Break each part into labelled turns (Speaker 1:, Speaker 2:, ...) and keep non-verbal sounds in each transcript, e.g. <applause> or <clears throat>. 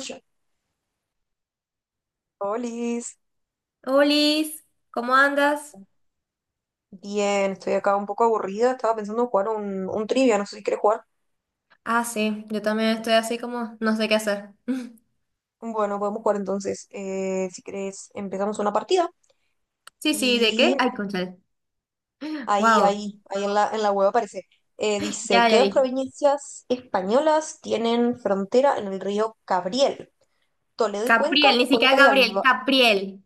Speaker 1: Yo- Olis,
Speaker 2: Olis, ¿cómo andas?
Speaker 1: bien, estoy acá un poco aburrida, estaba pensando en jugar un trivia, no sé si querés jugar.
Speaker 2: Ah, sí, yo también estoy así como no sé qué hacer. <laughs>
Speaker 1: Bueno, podemos jugar entonces, si querés empezamos una partida
Speaker 2: Sí, sí, ¿de qué?
Speaker 1: y
Speaker 2: Ay, cónchale.
Speaker 1: ahí,
Speaker 2: Wow,
Speaker 1: ahí, ahí en la web aparece. Dice,
Speaker 2: ya, ya
Speaker 1: ¿qué dos
Speaker 2: vi.
Speaker 1: provincias españolas tienen frontera en el río Cabriel? Toledo y Cuenca,
Speaker 2: Capriel, ni siquiera
Speaker 1: Cuenca y
Speaker 2: Gabriel,
Speaker 1: Alba...
Speaker 2: Capriel.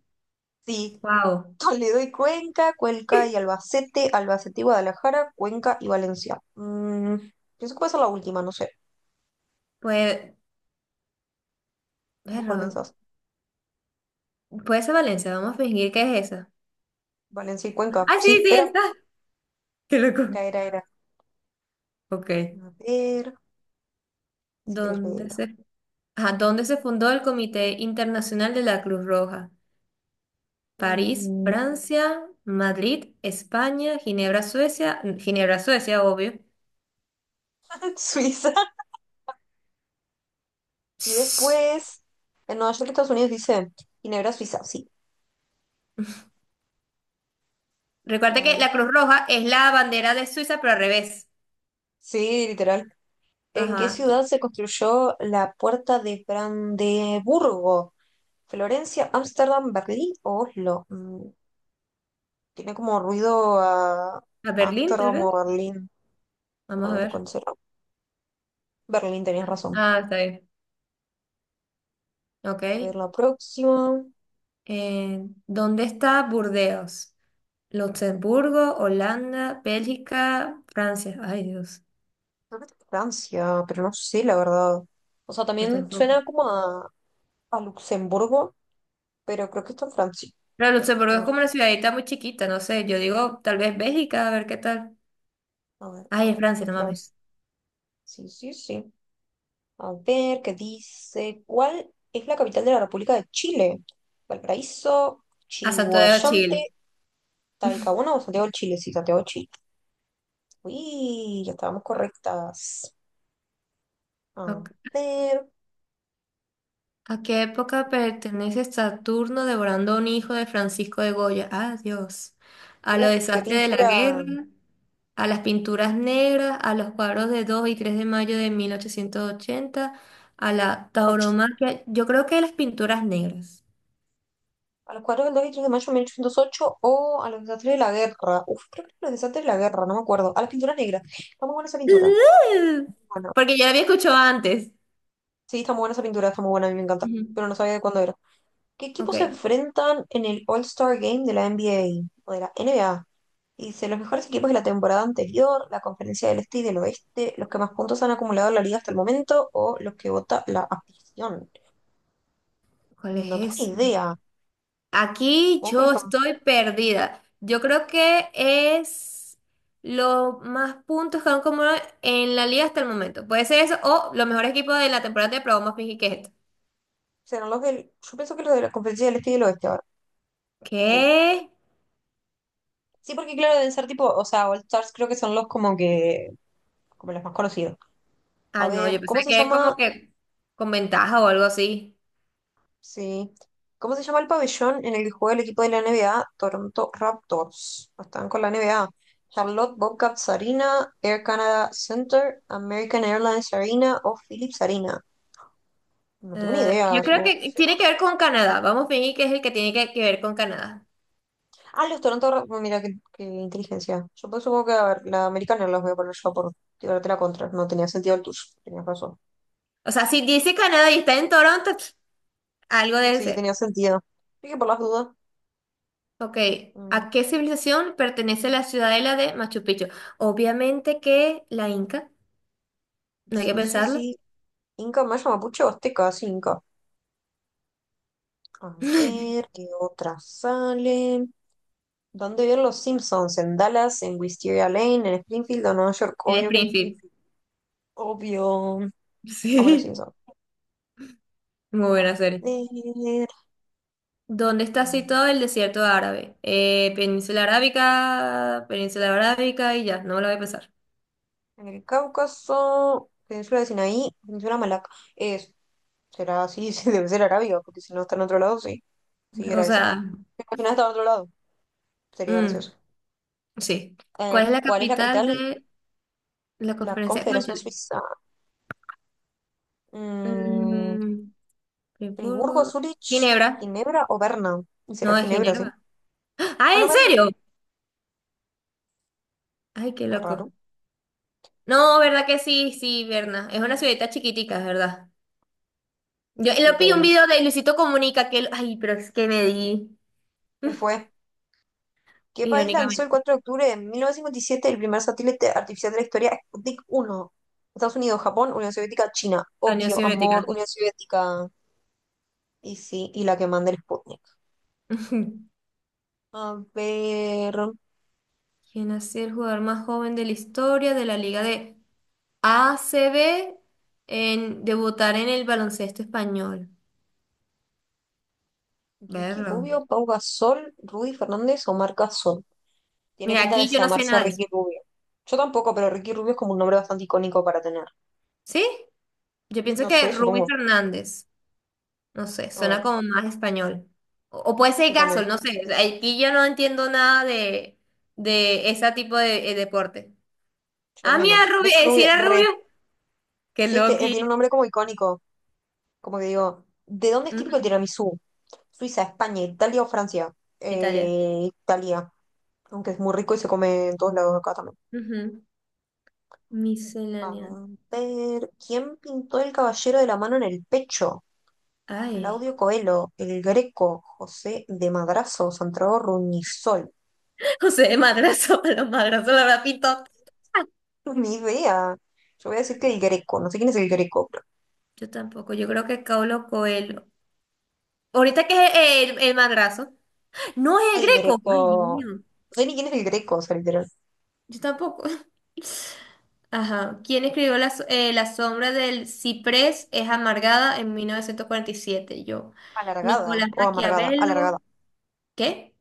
Speaker 1: Sí,
Speaker 2: Wow.
Speaker 1: Toledo y Cuenca, Cuenca y Albacete, Albacete y Guadalajara, Cuenca y Valencia. Pienso que va a ser la última, no sé.
Speaker 2: Pues,
Speaker 1: ¿Vos cuál
Speaker 2: bueno,
Speaker 1: pensás?
Speaker 2: <laughs> puede ser Valencia, vamos a fingir que es esa.
Speaker 1: Valencia y Cuenca.
Speaker 2: Ah, sí,
Speaker 1: Sí,
Speaker 2: sí,
Speaker 1: era,
Speaker 2: está. <laughs> Qué loco.
Speaker 1: era, era, era.
Speaker 2: Ok.
Speaker 1: A ver, si quieres
Speaker 2: ¿Dónde
Speaker 1: leerlo.
Speaker 2: se, ajá, ¿dónde se fundó el Comité Internacional de la Cruz Roja? París,
Speaker 1: Mm,
Speaker 2: Francia, Madrid, España, Ginebra, Suecia, Ginebra, Suecia, obvio.
Speaker 1: <laughs> Suiza. Y después, en Nueva York, Estados Unidos, dice Ginebra, Suiza. Sí.
Speaker 2: Recuerda que
Speaker 1: Ay,
Speaker 2: la Cruz Roja es la bandera de Suiza, pero al revés.
Speaker 1: sí, literal. ¿En qué
Speaker 2: Ajá.
Speaker 1: ciudad se construyó la Puerta de Brandeburgo? ¿Florencia, Ámsterdam, Berlín o Oslo? Mm, tiene como ruido a
Speaker 2: ¿A Berlín, tal
Speaker 1: Ámsterdam
Speaker 2: vez?
Speaker 1: o Berlín. A
Speaker 2: Vamos a
Speaker 1: ver,
Speaker 2: ver.
Speaker 1: ¿cuál será? Berlín, tenías razón.
Speaker 2: Ah, está bien. Ok.
Speaker 1: A ver, la próxima.
Speaker 2: ¿Dónde está Burdeos? Luxemburgo, Holanda, Bélgica, Francia. Ay, Dios.
Speaker 1: Creo que es Francia, pero no sé, la verdad. O sea,
Speaker 2: Yo
Speaker 1: también
Speaker 2: tampoco.
Speaker 1: suena como a Luxemburgo, pero creo que está en Francia.
Speaker 2: Pero Luxemburgo es
Speaker 1: No sé,
Speaker 2: como una ciudadita muy chiquita, no sé. Yo digo, tal vez Bélgica, a ver qué tal.
Speaker 1: a ver,
Speaker 2: Ay, es Francia,
Speaker 1: en
Speaker 2: no
Speaker 1: Francia.
Speaker 2: mames.
Speaker 1: Sí, sí, sí. A ver, ¿qué dice? ¿Cuál es la capital de la República de Chile? Valparaíso,
Speaker 2: A Santo de
Speaker 1: Chihuayante,
Speaker 2: Chile.
Speaker 1: Talcahuano o Santiago de Chile. Sí, Santiago de Chile. Uy, ya estábamos correctas. A
Speaker 2: Ok.
Speaker 1: ver,
Speaker 2: ¿A qué época pertenece Saturno devorando a un hijo de Francisco de Goya? Ah, Dios. A los
Speaker 1: uf, qué
Speaker 2: desastres de la guerra,
Speaker 1: pintura.
Speaker 2: a las pinturas negras, a los cuadros de 2 y 3 de mayo de 1880, a la tauromaquia. Yo creo que las pinturas negras.
Speaker 1: A los 4 del 2 y 3 de mayo de 1808 o a los desastres de la guerra. Uf, creo que a los desastres de la guerra, no me acuerdo. A las pinturas negras. Está muy buena esa pintura.
Speaker 2: <laughs>
Speaker 1: Bueno,
Speaker 2: Porque ya la había escuchado antes.
Speaker 1: sí, está muy buena esa pintura, está muy buena, a mí me encanta.
Speaker 2: Ujú.
Speaker 1: Pero no sabía de cuándo era. ¿Qué
Speaker 2: Ok,
Speaker 1: equipos se enfrentan en el All-Star Game de la NBA o de la NBA? Y dice, los mejores equipos de la temporada anterior, la conferencia del este y del oeste, los que más puntos han acumulado en la liga hasta el momento o los que vota la afición.
Speaker 2: ¿cuál
Speaker 1: No tengo ni
Speaker 2: es
Speaker 1: idea.
Speaker 2: aquí
Speaker 1: Supongo que los
Speaker 2: yo
Speaker 1: que
Speaker 2: estoy perdida. Yo creo que es los más puntos que han acumulado en la liga hasta el momento. Puede ser eso o los mejores equipos de la temporada de probamos fingir que es esto.
Speaker 1: serán los del... Yo pienso que los de la conferencia del este y del oeste ahora. Sí.
Speaker 2: ¿Qué?
Speaker 1: Sí, porque claro, deben ser tipo, o sea, All Stars creo que son los como que, como los más conocidos. A
Speaker 2: Ah, no, yo
Speaker 1: ver, ¿cómo
Speaker 2: pensé
Speaker 1: se
Speaker 2: que es
Speaker 1: llama?
Speaker 2: como que con ventaja o algo así.
Speaker 1: Sí. ¿Cómo se llama el pabellón en el que juega el equipo de la NBA? Toronto Raptors. Están con la NBA. Charlotte Bobcats Arena, Air Canada Center, American Airlines Arena o Philips Arena. No tengo ni
Speaker 2: Yo
Speaker 1: idea,
Speaker 2: creo
Speaker 1: supongo que
Speaker 2: que
Speaker 1: será.
Speaker 2: tiene que ver con Canadá. Vamos a fingir que es el que tiene que ver con Canadá.
Speaker 1: Ah, los Toronto Raptors, mira qué, qué inteligencia. Yo pues, supongo que, a ver, la americana los voy a poner yo por tirarte la contra. No tenía sentido el tuyo, tenías razón.
Speaker 2: O sea, si dice Canadá y está en Toronto, <sniffs> pf, algo debe
Speaker 1: Sí,
Speaker 2: ser.
Speaker 1: tenía sentido. Sí, que por las dudas.
Speaker 2: Ok,
Speaker 1: Mm,
Speaker 2: ¿a qué civilización pertenece la ciudadela de Machu Picchu? Obviamente que la Inca, no hay que
Speaker 1: sí, sí,
Speaker 2: pensarlo.
Speaker 1: sí. Inca, maya, mapuche, azteca, sí, Inca. A
Speaker 2: <laughs>
Speaker 1: ver, ¿qué otras salen? ¿Dónde viven los Simpsons? ¿En Dallas? ¿En Wisteria Lane? ¿En Springfield o Nueva York?
Speaker 2: En
Speaker 1: Obvio que en
Speaker 2: Springfield.
Speaker 1: Springfield. Obvio. Vamos los
Speaker 2: Sí,
Speaker 1: Simpsons.
Speaker 2: muy
Speaker 1: A
Speaker 2: buena serie.
Speaker 1: ver.
Speaker 2: ¿Dónde está
Speaker 1: Mm,
Speaker 2: situado el desierto árabe? Península Arábica, Península Arábica y ya, no me lo voy a pensar.
Speaker 1: en el Cáucaso, Península de Sinaí, Península Malaca. Es, será así, <laughs> sí, debe ser Arabia, porque si no está en otro lado, sí. Sí,
Speaker 2: O
Speaker 1: era esa.
Speaker 2: sea,
Speaker 1: Imagina estar en otro lado. Sería
Speaker 2: mm,
Speaker 1: gracioso.
Speaker 2: sí. ¿Cuál es la
Speaker 1: ¿Cuál es la
Speaker 2: capital
Speaker 1: capital de
Speaker 2: de la
Speaker 1: la
Speaker 2: conferencia?
Speaker 1: Confederación
Speaker 2: Cónchale.
Speaker 1: Suiza? Mm,
Speaker 2: Mm,
Speaker 1: ¿Friburgo,
Speaker 2: Friburgo.
Speaker 1: Zúrich,
Speaker 2: Ginebra.
Speaker 1: Ginebra o Berna? ¿Y será
Speaker 2: No, es
Speaker 1: Ginebra, sí?
Speaker 2: Ginebra. <gasps> ¡Ah,
Speaker 1: Ah, no,
Speaker 2: en
Speaker 1: Berna.
Speaker 2: serio! Ay, qué
Speaker 1: Qué
Speaker 2: loco.
Speaker 1: raro.
Speaker 2: No, ¿verdad que sí? Sí, Berna. Es una ciudadita chiquitica, es ¿verdad? Yo
Speaker 1: Sí,
Speaker 2: lo vi un
Speaker 1: podríamos.
Speaker 2: video de Luisito Comunica. Ay, pero es que me di.
Speaker 1: Él
Speaker 2: <laughs>
Speaker 1: fue. ¿Qué país lanzó el
Speaker 2: Irónicamente.
Speaker 1: 4 de octubre de 1957 el primer satélite artificial de la historia, Sputnik 1? Estados Unidos, Japón, Unión Soviética, China.
Speaker 2: A Unión
Speaker 1: Obvio,
Speaker 2: Soviética.
Speaker 1: amor, Unión Soviética. Y sí, y la que manda el Sputnik.
Speaker 2: <laughs>
Speaker 1: A ver.
Speaker 2: ¿Quién ha sido el jugador más joven de la historia de la Liga de ACB en debutar en el baloncesto español?
Speaker 1: Ricky
Speaker 2: Verlo.
Speaker 1: Rubio, Pau Gasol, Rudy Fernández o Marc Gasol. Tiene
Speaker 2: Mira,
Speaker 1: pinta de
Speaker 2: aquí yo no sé
Speaker 1: llamarse
Speaker 2: nada de eso.
Speaker 1: Ricky Rubio. Yo tampoco, pero Ricky Rubio es como un nombre bastante icónico para tener.
Speaker 2: ¿Sí? Yo pienso
Speaker 1: No
Speaker 2: que
Speaker 1: sé,
Speaker 2: Rubí
Speaker 1: supongo.
Speaker 2: Fernández. No sé,
Speaker 1: A ver,
Speaker 2: suena como más español. O puede ser
Speaker 1: sí también.
Speaker 2: Gasol, no sé. O sea, aquí yo no entiendo nada de ese tipo de deporte.
Speaker 1: Yo
Speaker 2: Ah, mira,
Speaker 1: menos.
Speaker 2: Rubio,
Speaker 1: Ricky
Speaker 2: sí
Speaker 1: Rubio,
Speaker 2: era Rubio.
Speaker 1: re.
Speaker 2: Qué
Speaker 1: Sí, es que
Speaker 2: loqui.
Speaker 1: tiene un nombre como icónico. Como que digo, ¿de dónde es típico el
Speaker 2: Ujú.
Speaker 1: tiramisú? Suiza, España, Italia o Francia.
Speaker 2: Italia.
Speaker 1: Italia. Aunque es muy rico y se come en todos lados acá también.
Speaker 2: Ujú.
Speaker 1: A
Speaker 2: Miscelánea.
Speaker 1: ver, ¿quién pintó el caballero de la mano en el pecho?
Speaker 2: Ay.
Speaker 1: Claudio Coelho, el Greco, José de Madrazo, Santiago Ruñizol.
Speaker 2: <laughs> José de Madrazo, <laughs> los madrazos la habrá pintado.
Speaker 1: No, ni idea. Yo voy a decir que el Greco. No sé quién es el Greco, pero
Speaker 2: Yo tampoco, yo creo que es Paulo Coelho. Ahorita que es el madrazo. No es el
Speaker 1: el
Speaker 2: Greco. Ay, Dios
Speaker 1: Greco.
Speaker 2: mío.
Speaker 1: No sé ni quién es el Greco, o sea, literal.
Speaker 2: Yo tampoco. <laughs> Ajá. ¿Quién escribió La sombra del ciprés es amargada en 1947? Yo.
Speaker 1: ¿Alargada
Speaker 2: Nicolás
Speaker 1: o amargada? Alargada.
Speaker 2: Maquiavelo. ¿Qué?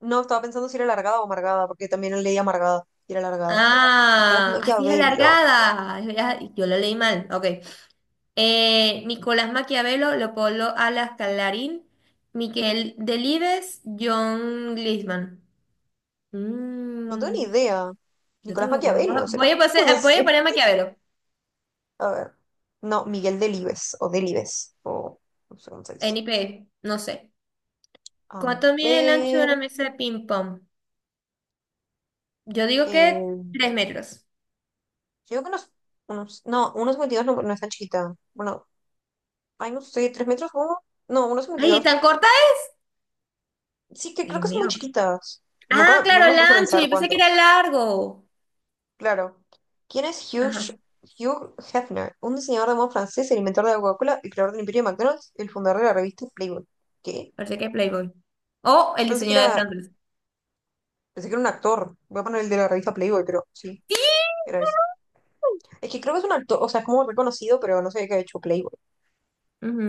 Speaker 1: No, estaba pensando si era alargada o amargada, porque también leí amargada y era alargada. Nicolás
Speaker 2: Ah, así es
Speaker 1: Maquiavelo.
Speaker 2: alargada. Yo lo leí mal. Ok. Nicolás Maquiavelo, Leopoldo Alas Calarín, Miquel Delibes, John Glisman.
Speaker 1: No tengo ni
Speaker 2: Mm,
Speaker 1: idea.
Speaker 2: yo
Speaker 1: Nicolás
Speaker 2: tampoco. Vamos a-
Speaker 1: Maquiavelo, ¿será? <laughs> No
Speaker 2: Voy a
Speaker 1: sé.
Speaker 2: poner Maquiavelo.
Speaker 1: A ver. No, Miguel Delibes o Delibes. O no sé cómo se dice.
Speaker 2: NIP. No sé.
Speaker 1: A
Speaker 2: ¿Cuánto mide el ancho de una
Speaker 1: ver.
Speaker 2: mesa de ping-pong? Yo digo que
Speaker 1: Yo
Speaker 2: 3 metros.
Speaker 1: creo que unos, no, unos 52 no, no es tan chiquita. Bueno, ay, no sé, tres metros, ¿cómo? No, unos
Speaker 2: Ay,
Speaker 1: 52.
Speaker 2: ¿tan corta
Speaker 1: Sí, que
Speaker 2: es?
Speaker 1: creo
Speaker 2: Dios
Speaker 1: que son muy
Speaker 2: mío.
Speaker 1: chiquitas.
Speaker 2: Ah,
Speaker 1: Nunca,
Speaker 2: claro,
Speaker 1: nunca me
Speaker 2: el
Speaker 1: puse a
Speaker 2: ancho.
Speaker 1: pensar
Speaker 2: Yo pensé que
Speaker 1: cuánto.
Speaker 2: era largo.
Speaker 1: Claro. ¿Quién es
Speaker 2: Ajá,
Speaker 1: Hugh Hefner? ¿Un diseñador de moda francés, el inventor de la Coca-Cola, el creador del Imperio de McDonald's, el fundador de la revista Playboy? ¿Qué?
Speaker 2: parece que es Playboy. O
Speaker 1: Yo
Speaker 2: el diseño de Flanders.
Speaker 1: pensé que era un actor. Voy a poner el de la revista Playboy, pero sí,
Speaker 2: Sí.
Speaker 1: era ese. Es que creo que es un actor, o sea, es como reconocido, pero no sé qué ha hecho Playboy.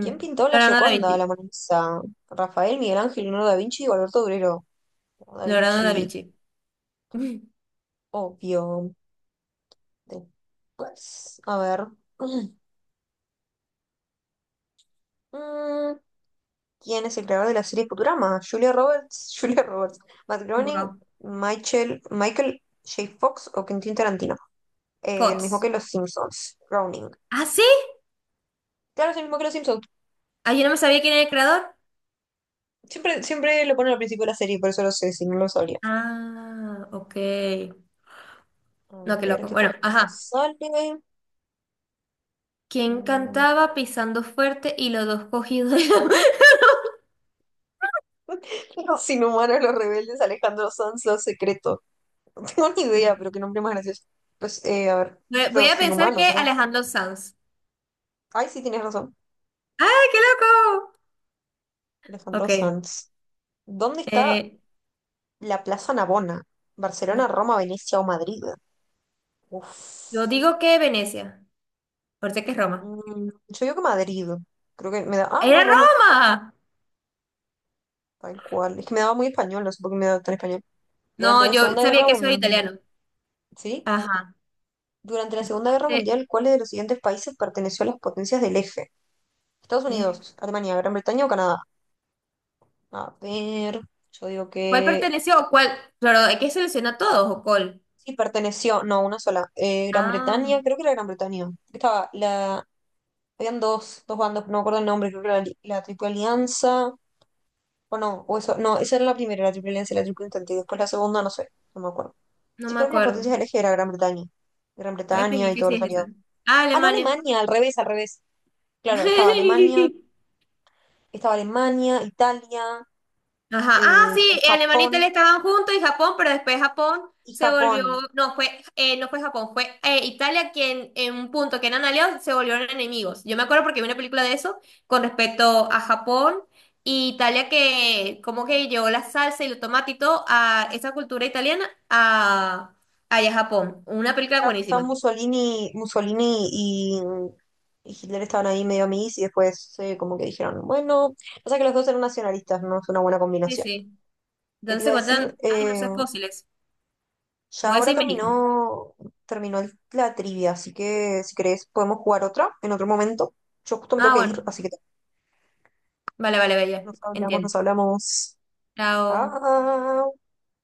Speaker 1: ¿Quién pintó la
Speaker 2: Leonardo da
Speaker 1: Gioconda, la
Speaker 2: Vinci.
Speaker 1: Mona Lisa? Rafael, Miguel Ángel, Leonardo da Vinci o Alberto Durero. Da
Speaker 2: Leonardo da
Speaker 1: Vinci,
Speaker 2: Vinci. <laughs> Ujú.
Speaker 1: obvio. Después, a ver. <clears throat> Mm, ¿quién es el creador de la serie Futurama? Julia Roberts, <laughs> Julia Roberts, Matt Groening,
Speaker 2: Wow.
Speaker 1: Michael J. Fox o Quentin Tarantino. El mismo
Speaker 2: Potts.
Speaker 1: que los Simpsons, Groening.
Speaker 2: ¿Ah, sí?
Speaker 1: Claro, es el mismo que los Simpsons.
Speaker 2: Ah, yo no me sabía quién era el creador.
Speaker 1: Siempre lo ponen al principio de la serie, por eso lo sé, si no lo sabría.
Speaker 2: Ah, ok.
Speaker 1: A
Speaker 2: No, qué
Speaker 1: ver,
Speaker 2: loco.
Speaker 1: ¿qué otra
Speaker 2: Bueno,
Speaker 1: pregunta
Speaker 2: ajá.
Speaker 1: sale?
Speaker 2: ¿Quién
Speaker 1: Mm,
Speaker 2: cantaba pisando fuerte y los dos cogidos de la-
Speaker 1: <laughs> los inhumanos, los rebeldes, Alejandro Sanz, los secretos. <laughs> No tengo ni idea,
Speaker 2: <laughs>
Speaker 1: pero qué nombre más gracioso. Pues, a ver,
Speaker 2: Voy a
Speaker 1: los
Speaker 2: pensar que
Speaker 1: inhumanos, ¿verdad?
Speaker 2: Alejandro Sanz.
Speaker 1: Ay, sí, tienes razón.
Speaker 2: ¡Ay, qué loco!
Speaker 1: Alejandro
Speaker 2: Ok.
Speaker 1: Sanz. ¿Dónde está
Speaker 2: eh,
Speaker 1: la Plaza Navona?
Speaker 2: no,
Speaker 1: ¿Barcelona, Roma, Venecia o Madrid?
Speaker 2: yo
Speaker 1: Uf.
Speaker 2: digo que Venecia. Ahorita que es Roma.
Speaker 1: Mm, yo digo que Madrid. Creo que me da. Ah,
Speaker 2: ¡Era
Speaker 1: no, Roma.
Speaker 2: Roma!
Speaker 1: Tal cual. Es que me daba muy español, no sé por qué me daba tan español.
Speaker 2: No,
Speaker 1: Durante la
Speaker 2: yo
Speaker 1: Segunda
Speaker 2: sabía
Speaker 1: Guerra
Speaker 2: que eso era
Speaker 1: Mundial.
Speaker 2: italiano.
Speaker 1: ¿Sí?
Speaker 2: Ajá.
Speaker 1: Durante la Segunda Guerra
Speaker 2: Eh,
Speaker 1: Mundial, ¿cuál de los siguientes países perteneció a las potencias del eje? Estados
Speaker 2: eh,
Speaker 1: Unidos, Alemania, Gran Bretaña o Canadá. A ver. Yo digo
Speaker 2: ¿Cuál
Speaker 1: que.
Speaker 2: perteneció o cuál? Claro, hay que seleccionar todos o cuál.
Speaker 1: Sí, perteneció. No, una sola. Gran
Speaker 2: Ah,
Speaker 1: Bretaña, creo que era Gran Bretaña. Estaba la habían dos, dos bandas, no me acuerdo el nombre, creo que era la Triple Alianza, o no, o eso, no, esa era la primera, la Triple Alianza y la Triple Entente, y después la segunda, no sé, no me acuerdo.
Speaker 2: no
Speaker 1: Sí,
Speaker 2: me
Speaker 1: creo que la
Speaker 2: acuerdo.
Speaker 1: potencia del eje era Gran Bretaña, Gran
Speaker 2: Voy a
Speaker 1: Bretaña
Speaker 2: fingir
Speaker 1: y
Speaker 2: que
Speaker 1: todos
Speaker 2: sí
Speaker 1: los
Speaker 2: es esa.
Speaker 1: aliados.
Speaker 2: Ah,
Speaker 1: Ah, no,
Speaker 2: Alemania.
Speaker 1: Alemania, al revés, al revés. Claro,
Speaker 2: <laughs>
Speaker 1: estaba Alemania, Italia,
Speaker 2: Ajá. Ah,
Speaker 1: eh,
Speaker 2: sí,
Speaker 1: creo que
Speaker 2: Alemania e Italia
Speaker 1: Japón,
Speaker 2: estaban juntos y Japón, pero después Japón
Speaker 1: y
Speaker 2: se volvió,
Speaker 1: Japón.
Speaker 2: no fue, no fue Japón, fue Italia quien en un punto que eran aliados se volvieron enemigos. Yo me acuerdo porque vi una película de eso con respecto a Japón y Italia que como que llevó la salsa y el tomate y todo a esa cultura italiana a allá a Japón. Una película
Speaker 1: Claro, porque
Speaker 2: buenísima.
Speaker 1: estaban Mussolini y Hitler estaban ahí medio amiguis, y después como que dijeron, bueno, o sea que los dos eran nacionalistas, no es una buena
Speaker 2: Sí,
Speaker 1: combinación.
Speaker 2: sí.
Speaker 1: ¿Qué te
Speaker 2: Entonces se
Speaker 1: iba a decir?
Speaker 2: encuentran, ay, no sé, fósiles.
Speaker 1: Ya
Speaker 2: Voy a
Speaker 1: ahora
Speaker 2: decir México.
Speaker 1: terminó, terminó el- la trivia, así que si querés podemos jugar otra en otro momento. Yo justo me tengo
Speaker 2: Ah,
Speaker 1: que ir,
Speaker 2: bueno.
Speaker 1: así que
Speaker 2: Vale, vale, bella.
Speaker 1: no nos hablamos,
Speaker 2: Entiendo.
Speaker 1: nos hablamos.
Speaker 2: Chao.
Speaker 1: Chao.